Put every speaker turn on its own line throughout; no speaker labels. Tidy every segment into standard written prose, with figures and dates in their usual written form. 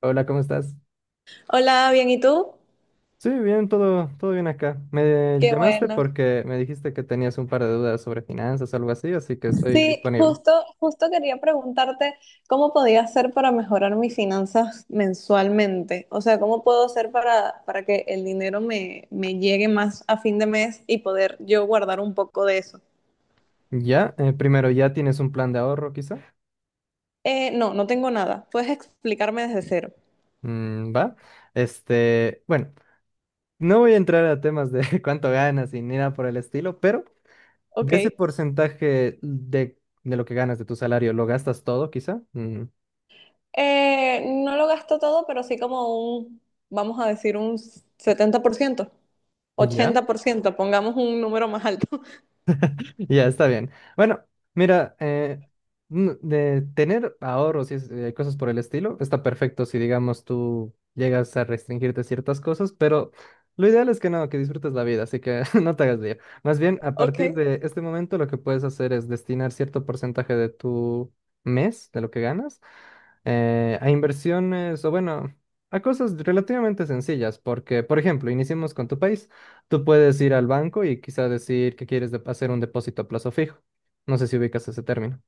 Hola, ¿cómo estás?
Hola, bien, ¿y tú?
Sí, bien, todo bien acá. Me
Qué
llamaste
bueno.
porque me dijiste que tenías un par de dudas sobre finanzas o algo así, así que estoy
Sí,
disponible.
justo, justo quería preguntarte cómo podía hacer para mejorar mis finanzas mensualmente. O sea, ¿cómo puedo hacer para que el dinero me llegue más a fin de mes y poder yo guardar un poco de eso?
Ya, primero, ¿ya tienes un plan de ahorro quizá?
No tengo nada. Puedes explicarme desde cero.
Mm, va. Este, bueno, no voy a entrar a temas de cuánto ganas y ni nada por el estilo, pero
Ok.
de ese porcentaje de lo que ganas de tu salario, ¿lo gastas todo quizá? Mm,
No lo gasto todo, pero sí como un, vamos a decir, un 70%,
ya.
80%. Pongamos un número más alto.
Ya, está bien. Bueno, mira, de tener ahorros y cosas por el estilo, está perfecto si, digamos, tú llegas a restringirte ciertas cosas, pero lo ideal es que no, que disfrutes la vida, así que no te hagas lío. Más bien, a
Ok.
partir de este momento, lo que puedes hacer es destinar cierto porcentaje de tu mes, de lo que ganas, a inversiones o bueno, a cosas relativamente sencillas, porque, por ejemplo, iniciemos con tu país, tú puedes ir al banco y quizá decir que quieres hacer un depósito a plazo fijo. No sé si ubicas ese término.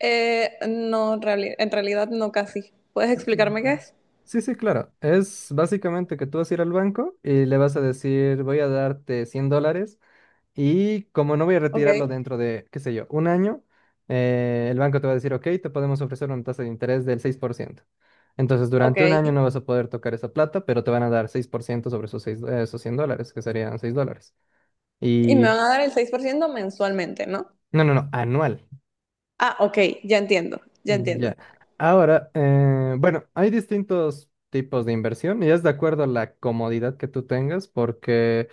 No, en realidad no casi. ¿Puedes explicarme qué
Mm.
es?
Sí, sí, claro. Es básicamente que tú vas a ir al banco y le vas a decir, voy a darte $100. Y como no voy a
Ok,
retirarlo dentro de, qué sé yo, un año, el banco te va a decir, ok, te podemos ofrecer una tasa de interés del 6%. Entonces, durante un año
ok.
no vas a poder tocar esa plata, pero te van a dar 6% sobre esos, esos 100 dólares, que serían $6.
Y me
Y,
van a dar el 6% mensualmente, ¿no?
no, no, no, anual.
Ah, ok, ya entiendo, ya entiendo.
Ya. Ahora, bueno, hay distintos tipos de inversión y es de acuerdo a la comodidad que tú tengas, porque...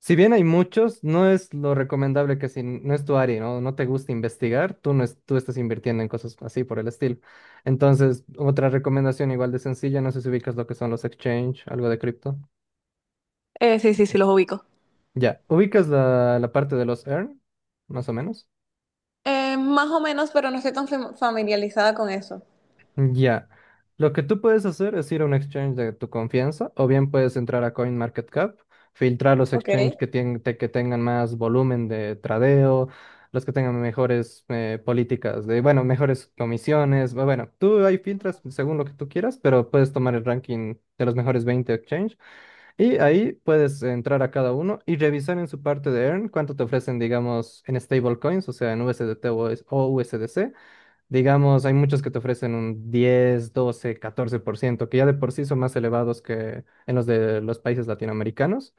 Si bien hay muchos, no es lo recomendable que si no es tu área, ¿no? No te gusta investigar, tú no es- tú estás invirtiendo en cosas así por el estilo. Entonces, otra recomendación igual de sencilla, no sé si ubicas lo que son los exchange, algo de cripto.
Sí, sí, sí, los ubico.
Ya, ubicas la parte de los earn, más o menos.
Más o menos, pero no estoy tan familiarizada con eso.
Ya. Lo que tú puedes hacer es ir a un exchange de tu confianza, o bien puedes entrar a CoinMarketCap, filtrar los
Ok,
exchanges que, que tengan más volumen de tradeo, los que tengan mejores políticas de, bueno, mejores comisiones. Bueno, tú ahí filtras según lo que tú quieras, pero puedes tomar el ranking de los mejores 20 exchanges y ahí puedes entrar a cada uno y revisar en su parte de Earn cuánto te ofrecen, digamos, en stablecoins, o sea, en USDT o USDC. Digamos, hay muchos que te ofrecen un 10, 12, 14%, que ya de por sí son más elevados que en los de los países latinoamericanos.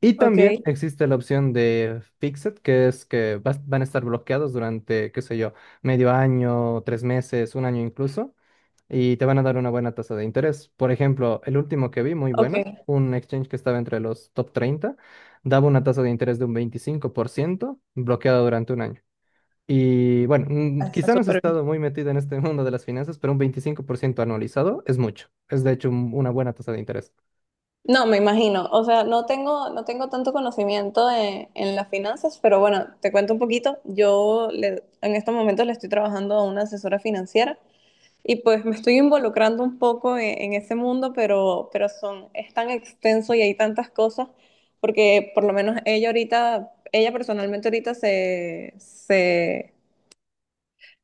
Y
ok,
también existe la opción de Fixed, que es que van a estar bloqueados durante, qué sé yo, medio año, 3 meses, un año incluso, y te van a dar una buena tasa de interés. Por ejemplo, el último que vi, muy bueno,
ok.
un exchange que estaba entre los top 30, daba una tasa de interés de un 25%, bloqueada durante un año. Y bueno, mm,
Ah, está
quizá no has
súper bien.
estado muy metido en este mundo de las finanzas, pero un 25% anualizado es mucho. Es de hecho una buena tasa de interés.
No, me imagino. O sea, no tengo tanto conocimiento de- en las finanzas, pero bueno, te cuento un poquito. En estos momentos le estoy trabajando a una asesora financiera. Y pues me estoy involucrando un poco en ese mundo, pero, es tan extenso y hay tantas cosas, porque por lo menos ella ahorita, ella personalmente ahorita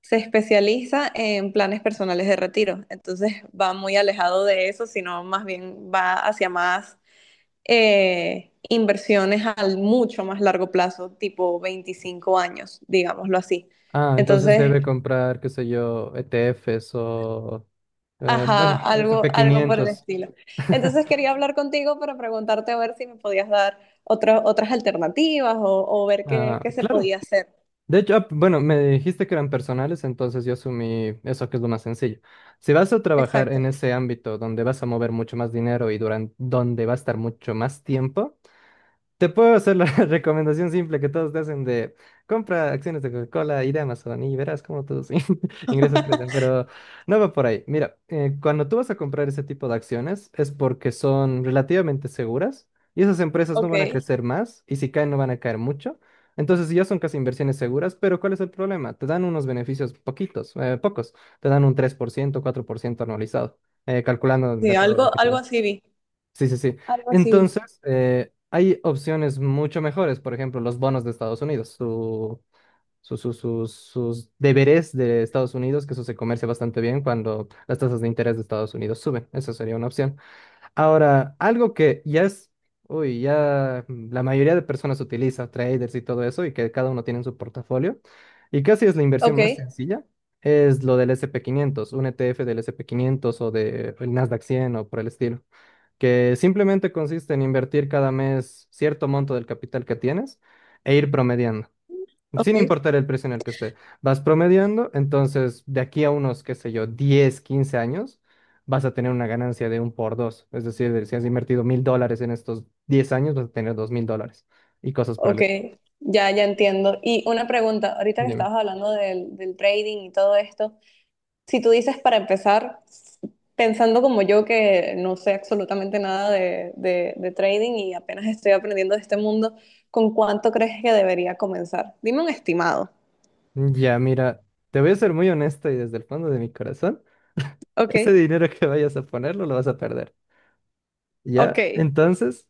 se especializa en planes personales de retiro. Entonces va muy alejado de eso, sino más bien va hacia más inversiones al mucho más largo plazo, tipo 25 años, digámoslo así.
Ah, entonces
Entonces,
debe comprar, qué sé yo, ETFs o,
ajá,
bueno, S&P
algo, algo por el
quinientos
estilo. Entonces quería hablar contigo para preguntarte a ver si me podías dar otras alternativas o ver qué,
Ah,
qué se
claro.
podía hacer.
De hecho, ah, bueno, me dijiste que eran personales, entonces yo asumí eso que es lo más sencillo. Si vas a trabajar
Exacto.
en ese ámbito donde vas a mover mucho más dinero y durante, donde va a estar mucho más tiempo, te puedo hacer la recomendación simple que todos te hacen de compra acciones de Coca-Cola y de Amazon y verás cómo tus ingresos crecen, pero no va por ahí. Mira, cuando tú vas a comprar ese tipo de acciones es porque son relativamente seguras y esas empresas no van a
Ok.
crecer más y si caen no van a caer mucho. Entonces ya son casi inversiones seguras, pero ¿cuál es el problema? Te dan unos beneficios poquitos, pocos. Te dan un 3%, 4% anualizado, calculando de
Sí,
acuerdo a lo
algo,
que
algo
tú...
así vi.
Sí, sí, sí.
Algo así vi.
Entonces, hay opciones mucho mejores, por ejemplo, los bonos de Estados Unidos, sus deberes de Estados Unidos, que eso se comercia bastante bien cuando las tasas de interés de Estados Unidos suben. Esa sería una opción. Ahora, algo que ya es, uy, ya la mayoría de personas utiliza, traders y todo eso, y que cada uno tiene en su portafolio, y casi es la inversión
Ok,
más sencilla. Es lo del S&P 500 un ETF del S&P 500 o del Nasdaq 100 o por el estilo que simplemente consiste en invertir cada mes cierto monto del capital que tienes e ir promediando, sin
ok,
importar el precio en el que esté. Vas promediando, entonces de aquí a unos, qué sé yo, 10 15 años, vas a tener una ganancia de un por dos. Es decir, si has invertido $1,000 en estos 10 años, vas a tener $2,000 y cosas por el
ok.
estilo.
Ya, ya entiendo. Y una pregunta, ahorita que
Dime.
estabas hablando del trading y todo esto, si tú dices para empezar, pensando como yo que no sé absolutamente nada de, de trading y apenas estoy aprendiendo de este mundo, ¿con cuánto crees que debería comenzar? Dime un estimado.
Ya, mira, te voy a ser muy honesta y desde el fondo de mi corazón,
Ok,
ese dinero que vayas a ponerlo lo vas a perder.
ok,
Ya, entonces...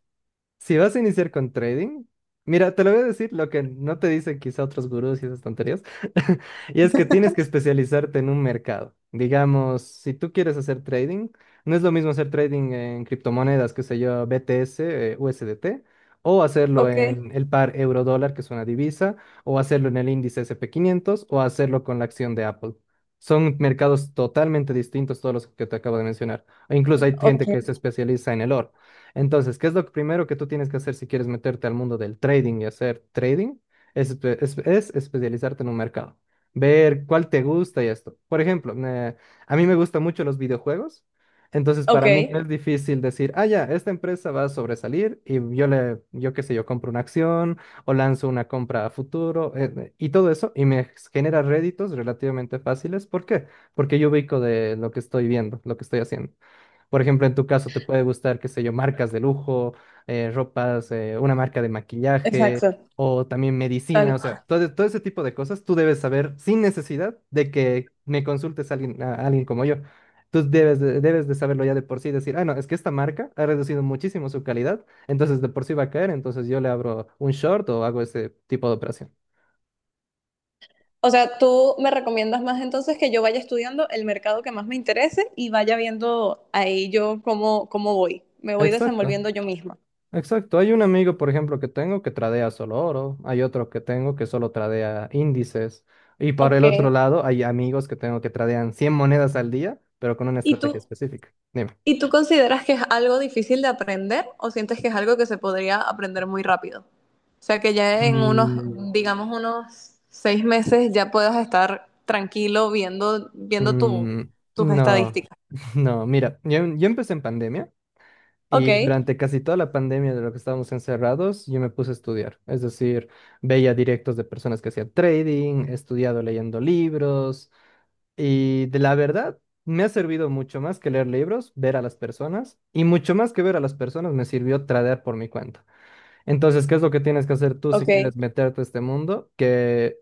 Si vas a iniciar con trading, mira, te lo voy a decir lo que no te dicen quizá otros gurús y esas tonterías, y es que tienes que especializarte en un mercado. Digamos, si tú quieres hacer trading, no es lo mismo hacer trading en criptomonedas, que sé yo, BTS, USDT, o hacerlo
ok,
en el par euro-dólar, que es una divisa, o hacerlo en el índice S&P 500, o hacerlo con la acción de Apple. Son mercados totalmente distintos todos los que te acabo de mencionar. E incluso hay gente
ok,
que se especializa en el oro. Entonces, ¿qué es lo primero que tú tienes que hacer si quieres meterte al mundo del trading y hacer trading? Es especializarte en un mercado, ver cuál te gusta y esto. Por ejemplo, a mí me gustan mucho los videojuegos, entonces
ok,
para mí no es difícil decir, ah, ya, esta empresa va a sobresalir y yo le, yo qué sé, yo compro una acción o lanzo una compra a futuro y todo eso y me genera réditos relativamente fáciles. ¿Por qué? Porque yo ubico de lo que estoy viendo, lo que estoy haciendo. Por ejemplo, en tu caso, te puede gustar, qué sé yo, marcas de lujo, ropas, una marca de maquillaje
exacto,
o también medicina,
tal
o sea,
cual.
todo ese tipo de cosas tú debes saber sin necesidad de que me consultes a alguien como yo. Tú debes de saberlo ya de por sí, decir, ah, no, es que esta marca ha reducido muchísimo su calidad, entonces de por sí va a caer, entonces yo le abro un short o hago ese tipo de operación.
O sea, tú me recomiendas más entonces que yo vaya estudiando el mercado que más me interese y vaya viendo ahí yo cómo, cómo voy. Me voy
Exacto.
desenvolviendo yo misma.
Exacto, hay un amigo, por ejemplo, que tengo que tradea solo oro, hay otro que tengo que solo tradea índices, y por
Ok.
el otro lado hay amigos que tengo que tradean 100 monedas al día, pero con una
¿Y
estrategia
tú?
específica. Dime.
¿Y tú consideras que es algo difícil de aprender o sientes que es algo que se podría aprender muy rápido? O sea, que ya en unos,
Mm,
digamos, unos 6 meses ya puedas estar tranquilo viendo, viendo tu-
Mm,
tus
no,
estadísticas.
no, mira, yo empecé en pandemia
Ok,
y durante casi toda la pandemia de lo que estábamos encerrados, yo me puse a estudiar. Es decir, veía directos de personas que hacían trading, he estudiado leyendo libros, y de la verdad, me ha servido mucho más que leer libros, ver a las personas, y mucho más que ver a las personas me sirvió tradear por mi cuenta. Entonces, ¿qué es lo que tienes que hacer tú si
ok,
quieres meterte a este mundo? Que,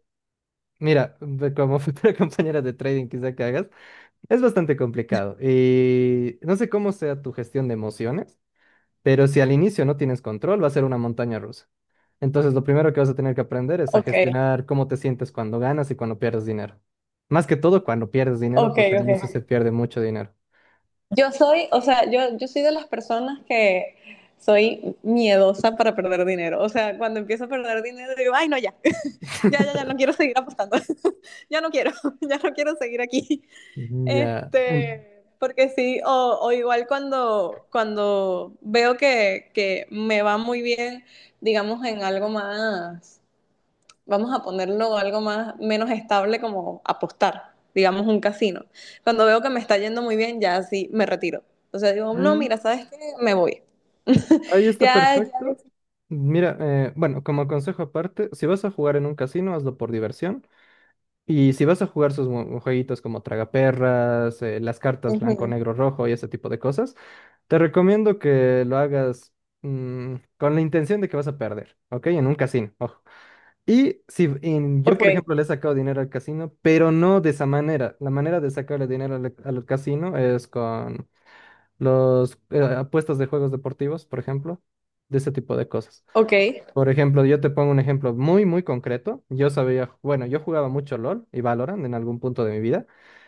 mira, como futura compañera de trading quizá que hagas, es bastante complicado. Y no sé cómo sea tu gestión de emociones. Pero si al inicio no tienes control, va a ser una montaña rusa. Entonces, lo primero que vas a tener que aprender es a
ok,
gestionar cómo te sientes cuando ganas y cuando pierdes dinero. Más que todo cuando pierdes dinero,
ok,
porque al inicio se
ok.
pierde mucho dinero.
Yo soy, o sea, yo soy de las personas que soy miedosa para perder dinero. O sea, cuando empiezo a perder dinero digo, ay, no, ya, ya, ya, ya, no quiero seguir apostando. Ya no quiero, ya no quiero seguir aquí.
Ya.
Este, porque sí, o igual cuando, cuando veo que me va muy bien, digamos, en algo más, vamos a ponerlo algo más, menos estable como apostar, digamos, un casino. Cuando veo que me está yendo muy bien, ya sí me retiro. O sea, digo, no,
Mm,
mira, ¿sabes qué? Me voy.
Ahí está
Ya, ya.
perfecto. Mira, bueno, como consejo aparte, si vas a jugar en un casino, hazlo por diversión. Y si vas a jugar sus jueguitos como Tragaperras, las cartas blanco,
Ujú.
negro, rojo y ese tipo de cosas, te recomiendo que lo hagas con la intención de que vas a perder, ¿ok? En un casino, ojo. Y si yo,
Ok,
por ejemplo, le he sacado dinero al casino, pero no de esa manera. La manera de sacarle dinero al casino es con los apuestas de juegos deportivos, por ejemplo, de ese tipo de cosas.
ok,
Por ejemplo, yo te pongo un ejemplo muy, muy concreto. Yo sabía, bueno, yo jugaba mucho LOL y Valorant en algún punto de mi vida.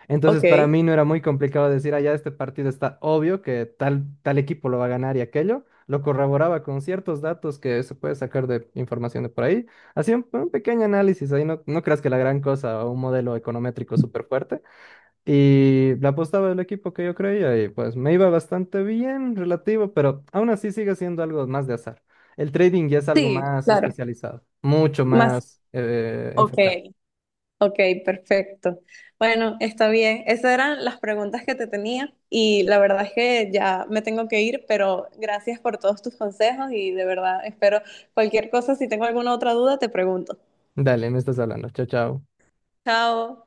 Entonces, para
ok.
mí no era muy complicado decir, ah, ya este partido está obvio que tal equipo lo va a ganar y aquello. Lo corroboraba con ciertos datos que se puede sacar de información de por ahí. Hacía un pequeño análisis ahí, no, no creas que la gran cosa o un modelo econométrico súper fuerte, y la apostaba del equipo que yo creía y pues me iba bastante bien, relativo, pero aún así sigue siendo algo más de azar. El trading ya es algo
Sí,
más
claro.
especializado, mucho
Más,
más
ok.
enfocado.
Ok, perfecto. Bueno, está bien. Esas eran las preguntas que te tenía y la verdad es que ya me tengo que ir, pero gracias por todos tus consejos y de verdad espero cualquier cosa, si tengo alguna otra duda, te pregunto.
Dale, me estás hablando. Chao, chao.
Chao.